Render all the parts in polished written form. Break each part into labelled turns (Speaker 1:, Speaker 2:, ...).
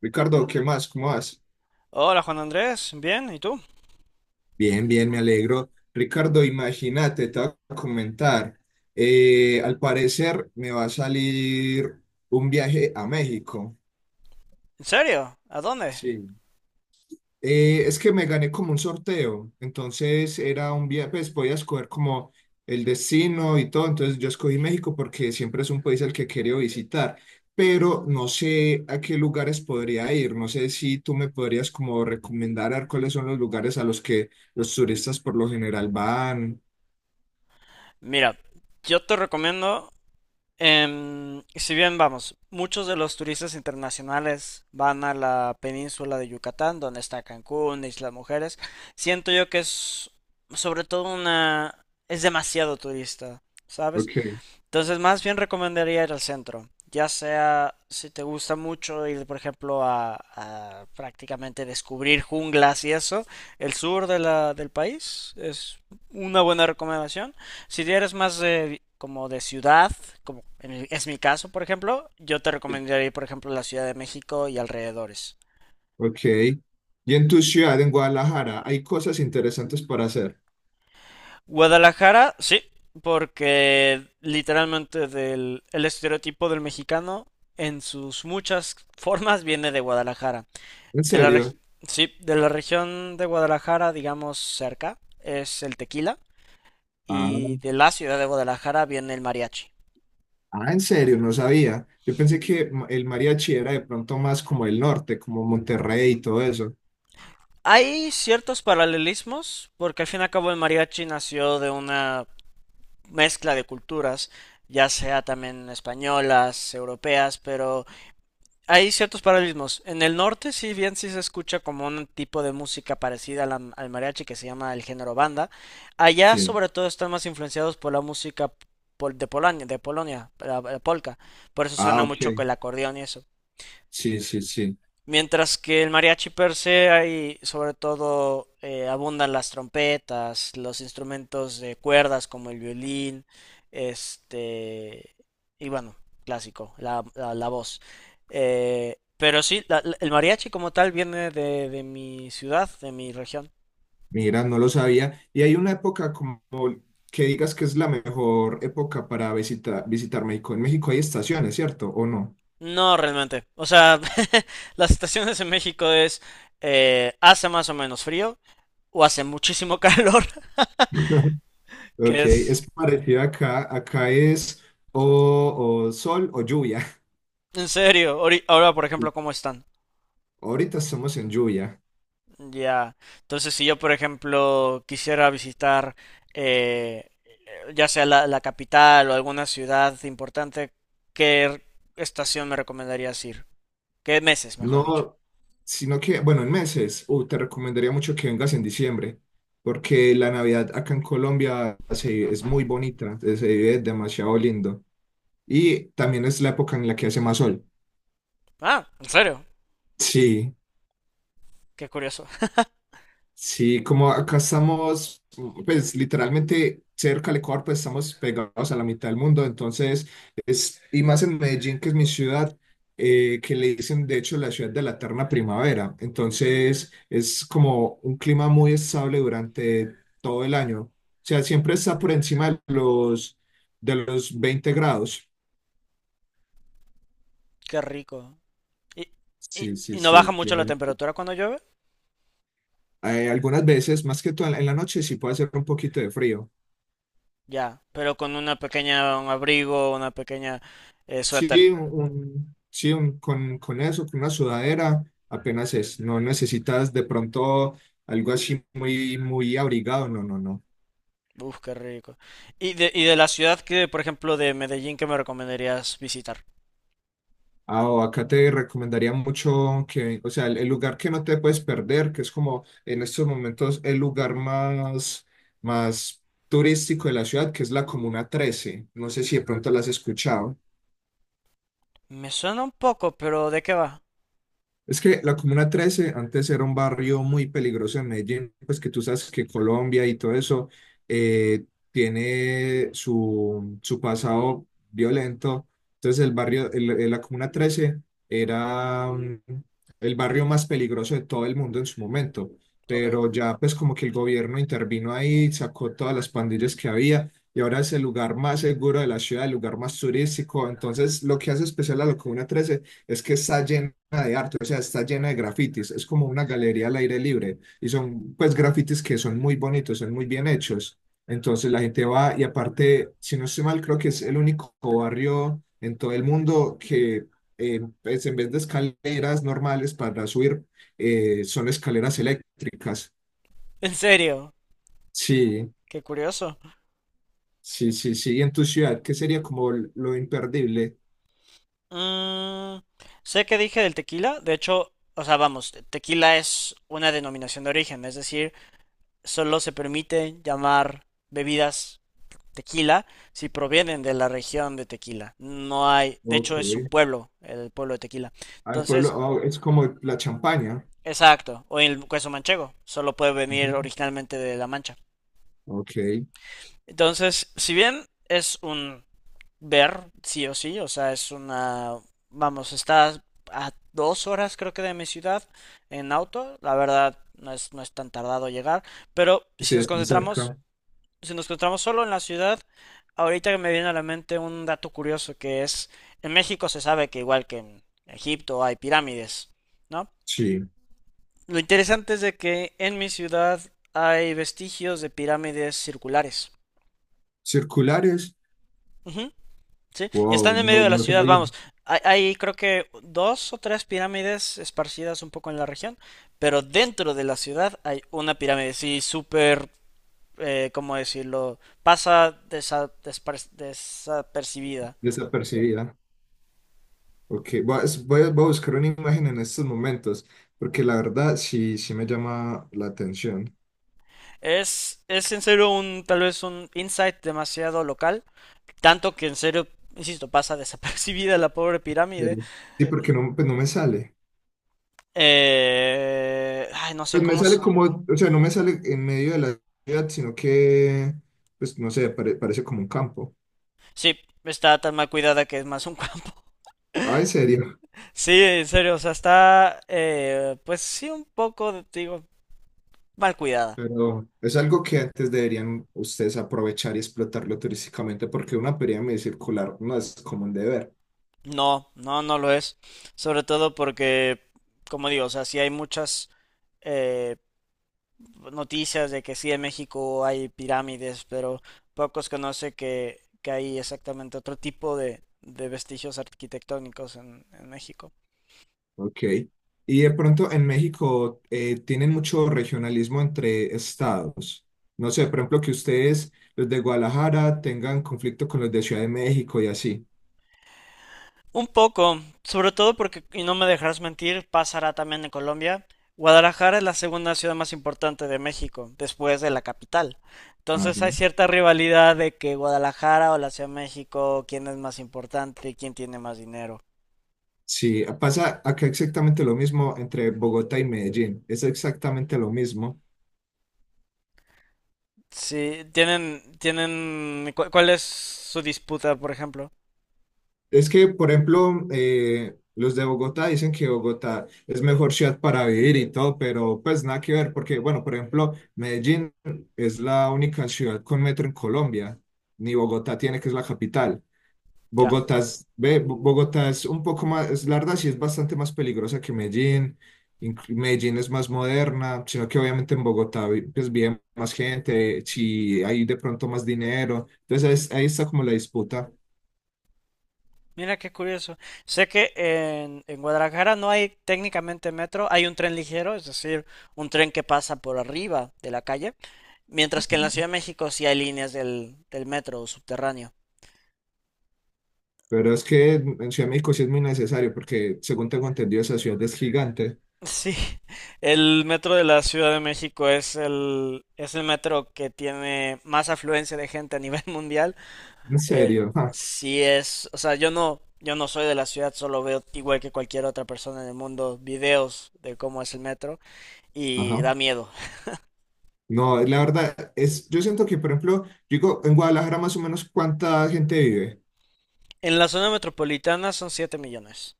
Speaker 1: Ricardo, ¿qué más? ¿Cómo vas?
Speaker 2: Hola Juan Andrés, bien, ¿y tú?
Speaker 1: Bien, bien, me alegro. Ricardo, imagínate, te voy a comentar. Al parecer me va a salir un viaje a México.
Speaker 2: ¿En serio? ¿A dónde?
Speaker 1: Sí. Es que me gané como un sorteo, entonces era un viaje, pues podía escoger como el destino y todo, entonces yo escogí México porque siempre es un país al que quería visitar, pero no sé a qué lugares podría ir, no sé si tú me podrías como recomendar a ver cuáles son los lugares a los que los turistas por lo general van.
Speaker 2: Mira, yo te recomiendo, si bien vamos, muchos de los turistas internacionales van a la península de Yucatán, donde está Cancún, Islas Mujeres, siento yo que es sobre todo es demasiado turista, ¿sabes?
Speaker 1: Ok.
Speaker 2: Entonces, más bien recomendaría ir al centro, ya sea si te gusta mucho ir, por ejemplo, a prácticamente descubrir junglas y eso, el sur de del país es una buena recomendación. Si eres más de, como de ciudad, como es mi caso, por ejemplo, yo te recomendaría ir, por ejemplo, a la Ciudad de México y alrededores.
Speaker 1: Ok. Y en tu ciudad, en Guadalajara, hay cosas interesantes para hacer.
Speaker 2: Guadalajara, sí, porque literalmente el estereotipo del mexicano en sus muchas formas viene de Guadalajara.
Speaker 1: ¿En
Speaker 2: De la reg-
Speaker 1: serio?
Speaker 2: sí, de la región de Guadalajara, digamos cerca, es el tequila y de la ciudad de Guadalajara viene el mariachi.
Speaker 1: Ah, en serio, no sabía. Yo pensé que el mariachi era de pronto más como el norte, como Monterrey y todo eso.
Speaker 2: Hay ciertos paralelismos porque al fin y al cabo el mariachi nació de una mezcla de culturas, ya sea también españolas, europeas, pero hay ciertos paralelismos. En el norte, sí, bien, sí se escucha como un tipo de música parecida a al mariachi que se llama el género banda. Allá,
Speaker 1: Sí.
Speaker 2: sobre todo, están más influenciados por la música de Polonia, la polka. Por eso
Speaker 1: Ah,
Speaker 2: suena mucho con
Speaker 1: ok.
Speaker 2: el acordeón y eso.
Speaker 1: Sí, sí, sí.
Speaker 2: Mientras que el mariachi per se hay sobre todo, abundan las trompetas, los instrumentos de cuerdas como el violín, este y bueno, clásico, la voz. Pero sí, el mariachi como tal viene de mi ciudad, de mi región.
Speaker 1: Mira, no lo sabía. Y hay una época como que digas que es la mejor época para visitar México. En México hay estaciones, ¿cierto? ¿O no?
Speaker 2: No, realmente. O sea, las estaciones en México es hace más o menos frío o hace muchísimo calor,
Speaker 1: Ok,
Speaker 2: que es
Speaker 1: es parecido acá. Acá es o sol o lluvia.
Speaker 2: en serio. Ahora, por ejemplo, ¿cómo están?
Speaker 1: Ahorita estamos en lluvia.
Speaker 2: Ya, entonces si yo, por ejemplo, quisiera visitar eh, ya sea la capital o alguna ciudad importante, ¿qué estación me recomendarías ir? ¿Qué meses, mejor dicho?
Speaker 1: No, sino que, bueno, en meses, te recomendaría mucho que vengas en diciembre, porque la Navidad acá en Colombia es muy bonita, se vive demasiado lindo. Y también es la época en la que hace más sol.
Speaker 2: Ah, ¿en serio?
Speaker 1: Sí.
Speaker 2: Qué curioso.
Speaker 1: Sí, como acá estamos, pues literalmente cerca del Ecuador, pues estamos pegados a la mitad del mundo, entonces es, y más en Medellín, que es mi ciudad, que le dicen de hecho la ciudad de la eterna primavera, entonces es como un clima muy estable durante todo el año, o sea, siempre está por encima de de los 20 grados.
Speaker 2: Qué rico. ¿Y, y,
Speaker 1: Sí, sí,
Speaker 2: y no
Speaker 1: sí,
Speaker 2: baja
Speaker 1: el
Speaker 2: mucho la
Speaker 1: clima.
Speaker 2: temperatura cuando llueve?
Speaker 1: Algunas veces, más que todo en la noche, sí puede hacer un poquito de frío.
Speaker 2: Ya, pero con una pequeña, un abrigo, una pequeña suéter.
Speaker 1: Sí, con eso, con una sudadera, apenas es. No necesitas de pronto algo así muy, muy abrigado, no, no, no.
Speaker 2: Uf, qué rico. ¿Y de la ciudad que, por ejemplo, de Medellín, que me recomendarías visitar?
Speaker 1: Ah, o acá te recomendaría mucho que, o sea, el lugar que no te puedes perder, que es como en estos momentos el lugar más turístico de la ciudad, que es la Comuna 13. No sé si de pronto la has escuchado.
Speaker 2: Me suena un poco, pero ¿de qué va?
Speaker 1: Es que la Comuna 13 antes era un barrio muy peligroso en Medellín, pues que tú sabes que Colombia y todo eso eh, tiene su pasado violento. Entonces el barrio, el- la Comuna 13 era el barrio más peligroso de todo el mundo en su momento,
Speaker 2: Ok.
Speaker 1: pero ya pues como que el gobierno intervino ahí, sacó todas las pandillas que había y ahora es el lugar más seguro de la ciudad, el lugar más turístico. Entonces lo que hace especial a la Comuna 13 es que está lleno o sea, está llena de grafitis, es como una galería al aire libre y son pues grafitis que son muy bonitos, son muy bien hechos. Entonces la gente va y aparte, si no estoy mal, creo que es el único barrio en todo el mundo que pues, en vez de escaleras normales para subir, son escaleras eléctricas.
Speaker 2: En serio,
Speaker 1: Sí,
Speaker 2: qué curioso.
Speaker 1: sí, sí, sí. Y en tu ciudad, ¿qué sería como lo imperdible?
Speaker 2: Mm, sé que dije del tequila, de hecho, o sea, vamos, tequila es una denominación de origen, es decir, solo se permite llamar bebidas tequila si provienen de la región de Tequila. No hay, de
Speaker 1: Ok.
Speaker 2: hecho, es un pueblo, el pueblo de Tequila.
Speaker 1: Al pueblo,
Speaker 2: Entonces,
Speaker 1: oh, es como la champaña.
Speaker 2: exacto, o el queso manchego, solo puede venir
Speaker 1: Ujú.
Speaker 2: originalmente de La Mancha.
Speaker 1: Ok,
Speaker 2: Entonces, si bien es sí o sí, o sea, es una, vamos, está a 2 horas creo que de mi ciudad en auto, la verdad no es tan tardado llegar, pero
Speaker 1: sí, están cerca.
Speaker 2: si nos concentramos solo en la ciudad, ahorita que me viene a la mente un dato curioso que es, en México se sabe que igual que en Egipto hay pirámides, ¿no?
Speaker 1: Sí.
Speaker 2: Lo interesante es de que en mi ciudad hay vestigios de pirámides circulares.
Speaker 1: Circulares.
Speaker 2: Ujú. Sí, y
Speaker 1: Wow,
Speaker 2: están en
Speaker 1: no,
Speaker 2: medio de la
Speaker 1: no
Speaker 2: ciudad,
Speaker 1: soy
Speaker 2: vamos. Hay creo que 2 o 3 pirámides esparcidas un poco en la región, pero dentro de la ciudad hay una pirámide, sí, súper, ¿cómo decirlo? Pasa desapercibida.
Speaker 1: desapercibida. Ok, voy a buscar una imagen en estos momentos, porque la verdad sí, sí me llama la atención.
Speaker 2: Es en serio un, tal vez un insight demasiado local, tanto que en serio, insisto, pasa desapercibida la pobre pirámide.
Speaker 1: Serio. Sí, porque no, pues no me sale.
Speaker 2: Ay, no sé
Speaker 1: Pues me
Speaker 2: cómo.
Speaker 1: sale como, o sea, no me sale en medio de la ciudad, sino que, pues no sé, parece como un campo.
Speaker 2: Sí, está tan mal cuidada que es más un
Speaker 1: Ah, en serio.
Speaker 2: Sí, en serio, o sea, está, pues sí, un poco, digo, mal cuidada.
Speaker 1: Pero es algo que antes deberían ustedes aprovechar y explotarlo turísticamente, porque una pirámide circular no es común de ver.
Speaker 2: No, no, no lo es. Sobre todo porque, como digo, o sea, sí hay muchas eh, noticias de que sí en México hay pirámides, pero pocos conocen que hay exactamente otro tipo de vestigios arquitectónicos en México.
Speaker 1: Ok. Y de pronto en México tienen mucho regionalismo entre estados. No sé, por ejemplo, que ustedes, los de Guadalajara, tengan conflicto con los de Ciudad de México y así.
Speaker 2: Un poco, sobre todo porque, y no me dejarás mentir, pasará también en Colombia. Guadalajara es la segunda ciudad más importante de México, después de la capital. Entonces
Speaker 1: Ajá.
Speaker 2: hay cierta rivalidad de que Guadalajara o la Ciudad de México, quién es más importante, quién tiene más dinero.
Speaker 1: Sí, pasa acá exactamente lo mismo entre Bogotá y Medellín. Es exactamente lo mismo.
Speaker 2: Sí, tienen, ¿cuál es su disputa, por ejemplo?
Speaker 1: Es que, por ejemplo, los de Bogotá dicen que Bogotá es mejor ciudad para vivir y todo, pero pues nada que ver, porque, bueno, por ejemplo, Medellín es la única ciudad con metro en Colombia, ni Bogotá tiene, que es la capital.
Speaker 2: Ya.
Speaker 1: Bogotá es un poco más, es la verdad, sí es bastante más peligrosa que Medellín. Medellín es más moderna, sino que obviamente en Bogotá pues vive más gente, si hay de pronto más dinero. Entonces ahí está como la disputa.
Speaker 2: Mira qué curioso. Sé que en Guadalajara no hay técnicamente metro, hay un tren ligero, es decir, un tren que pasa por arriba de la calle. Mientras que en la Ciudad de México sí hay líneas del metro subterráneo.
Speaker 1: Pero es que en Ciudad de México sí es muy necesario porque, según tengo entendido, esa ciudad es gigante.
Speaker 2: Sí, el metro de la Ciudad de México es el metro que tiene más afluencia de gente a nivel mundial.
Speaker 1: En
Speaker 2: Eh,
Speaker 1: serio. Ah.
Speaker 2: sí es, o sea, yo no soy de la ciudad, solo veo igual que cualquier otra persona en el mundo videos de cómo es el metro y
Speaker 1: Ajá.
Speaker 2: da miedo.
Speaker 1: No, la verdad es, yo siento que, por ejemplo, yo digo, en Guadalajara más o menos cuánta gente vive.
Speaker 2: En la zona metropolitana son 7 millones.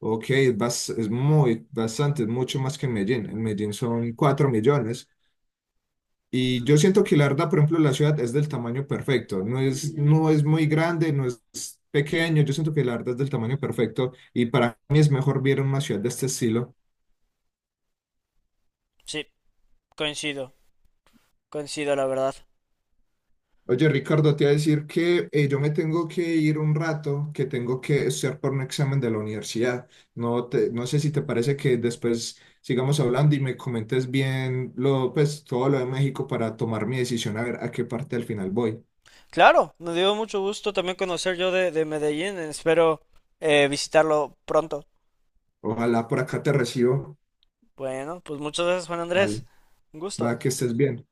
Speaker 1: Ok, es, es muy, bastante, es mucho más que en Medellín. En Medellín son 4 millones. Y yo siento que la verdad, por ejemplo, la ciudad es del tamaño perfecto. No es muy grande, no es pequeño. Yo siento que la verdad es del tamaño perfecto. Y para mí es mejor vivir en una ciudad de este estilo.
Speaker 2: Sí, coincido, coincido la verdad.
Speaker 1: Oye, Ricardo, te iba a decir que yo me tengo que ir un rato, que tengo que estudiar por un examen de la universidad. No sé si te parece que después sigamos hablando y me comentes bien pues, todo lo de México para tomar mi decisión, a ver a qué parte al final voy.
Speaker 2: Claro, me dio mucho gusto también conocer yo de Medellín. Espero visitarlo pronto.
Speaker 1: Ojalá por acá te recibo.
Speaker 2: Bueno, pues muchas gracias, Juan
Speaker 1: Vale,
Speaker 2: Andrés. Un gusto.
Speaker 1: va que estés bien.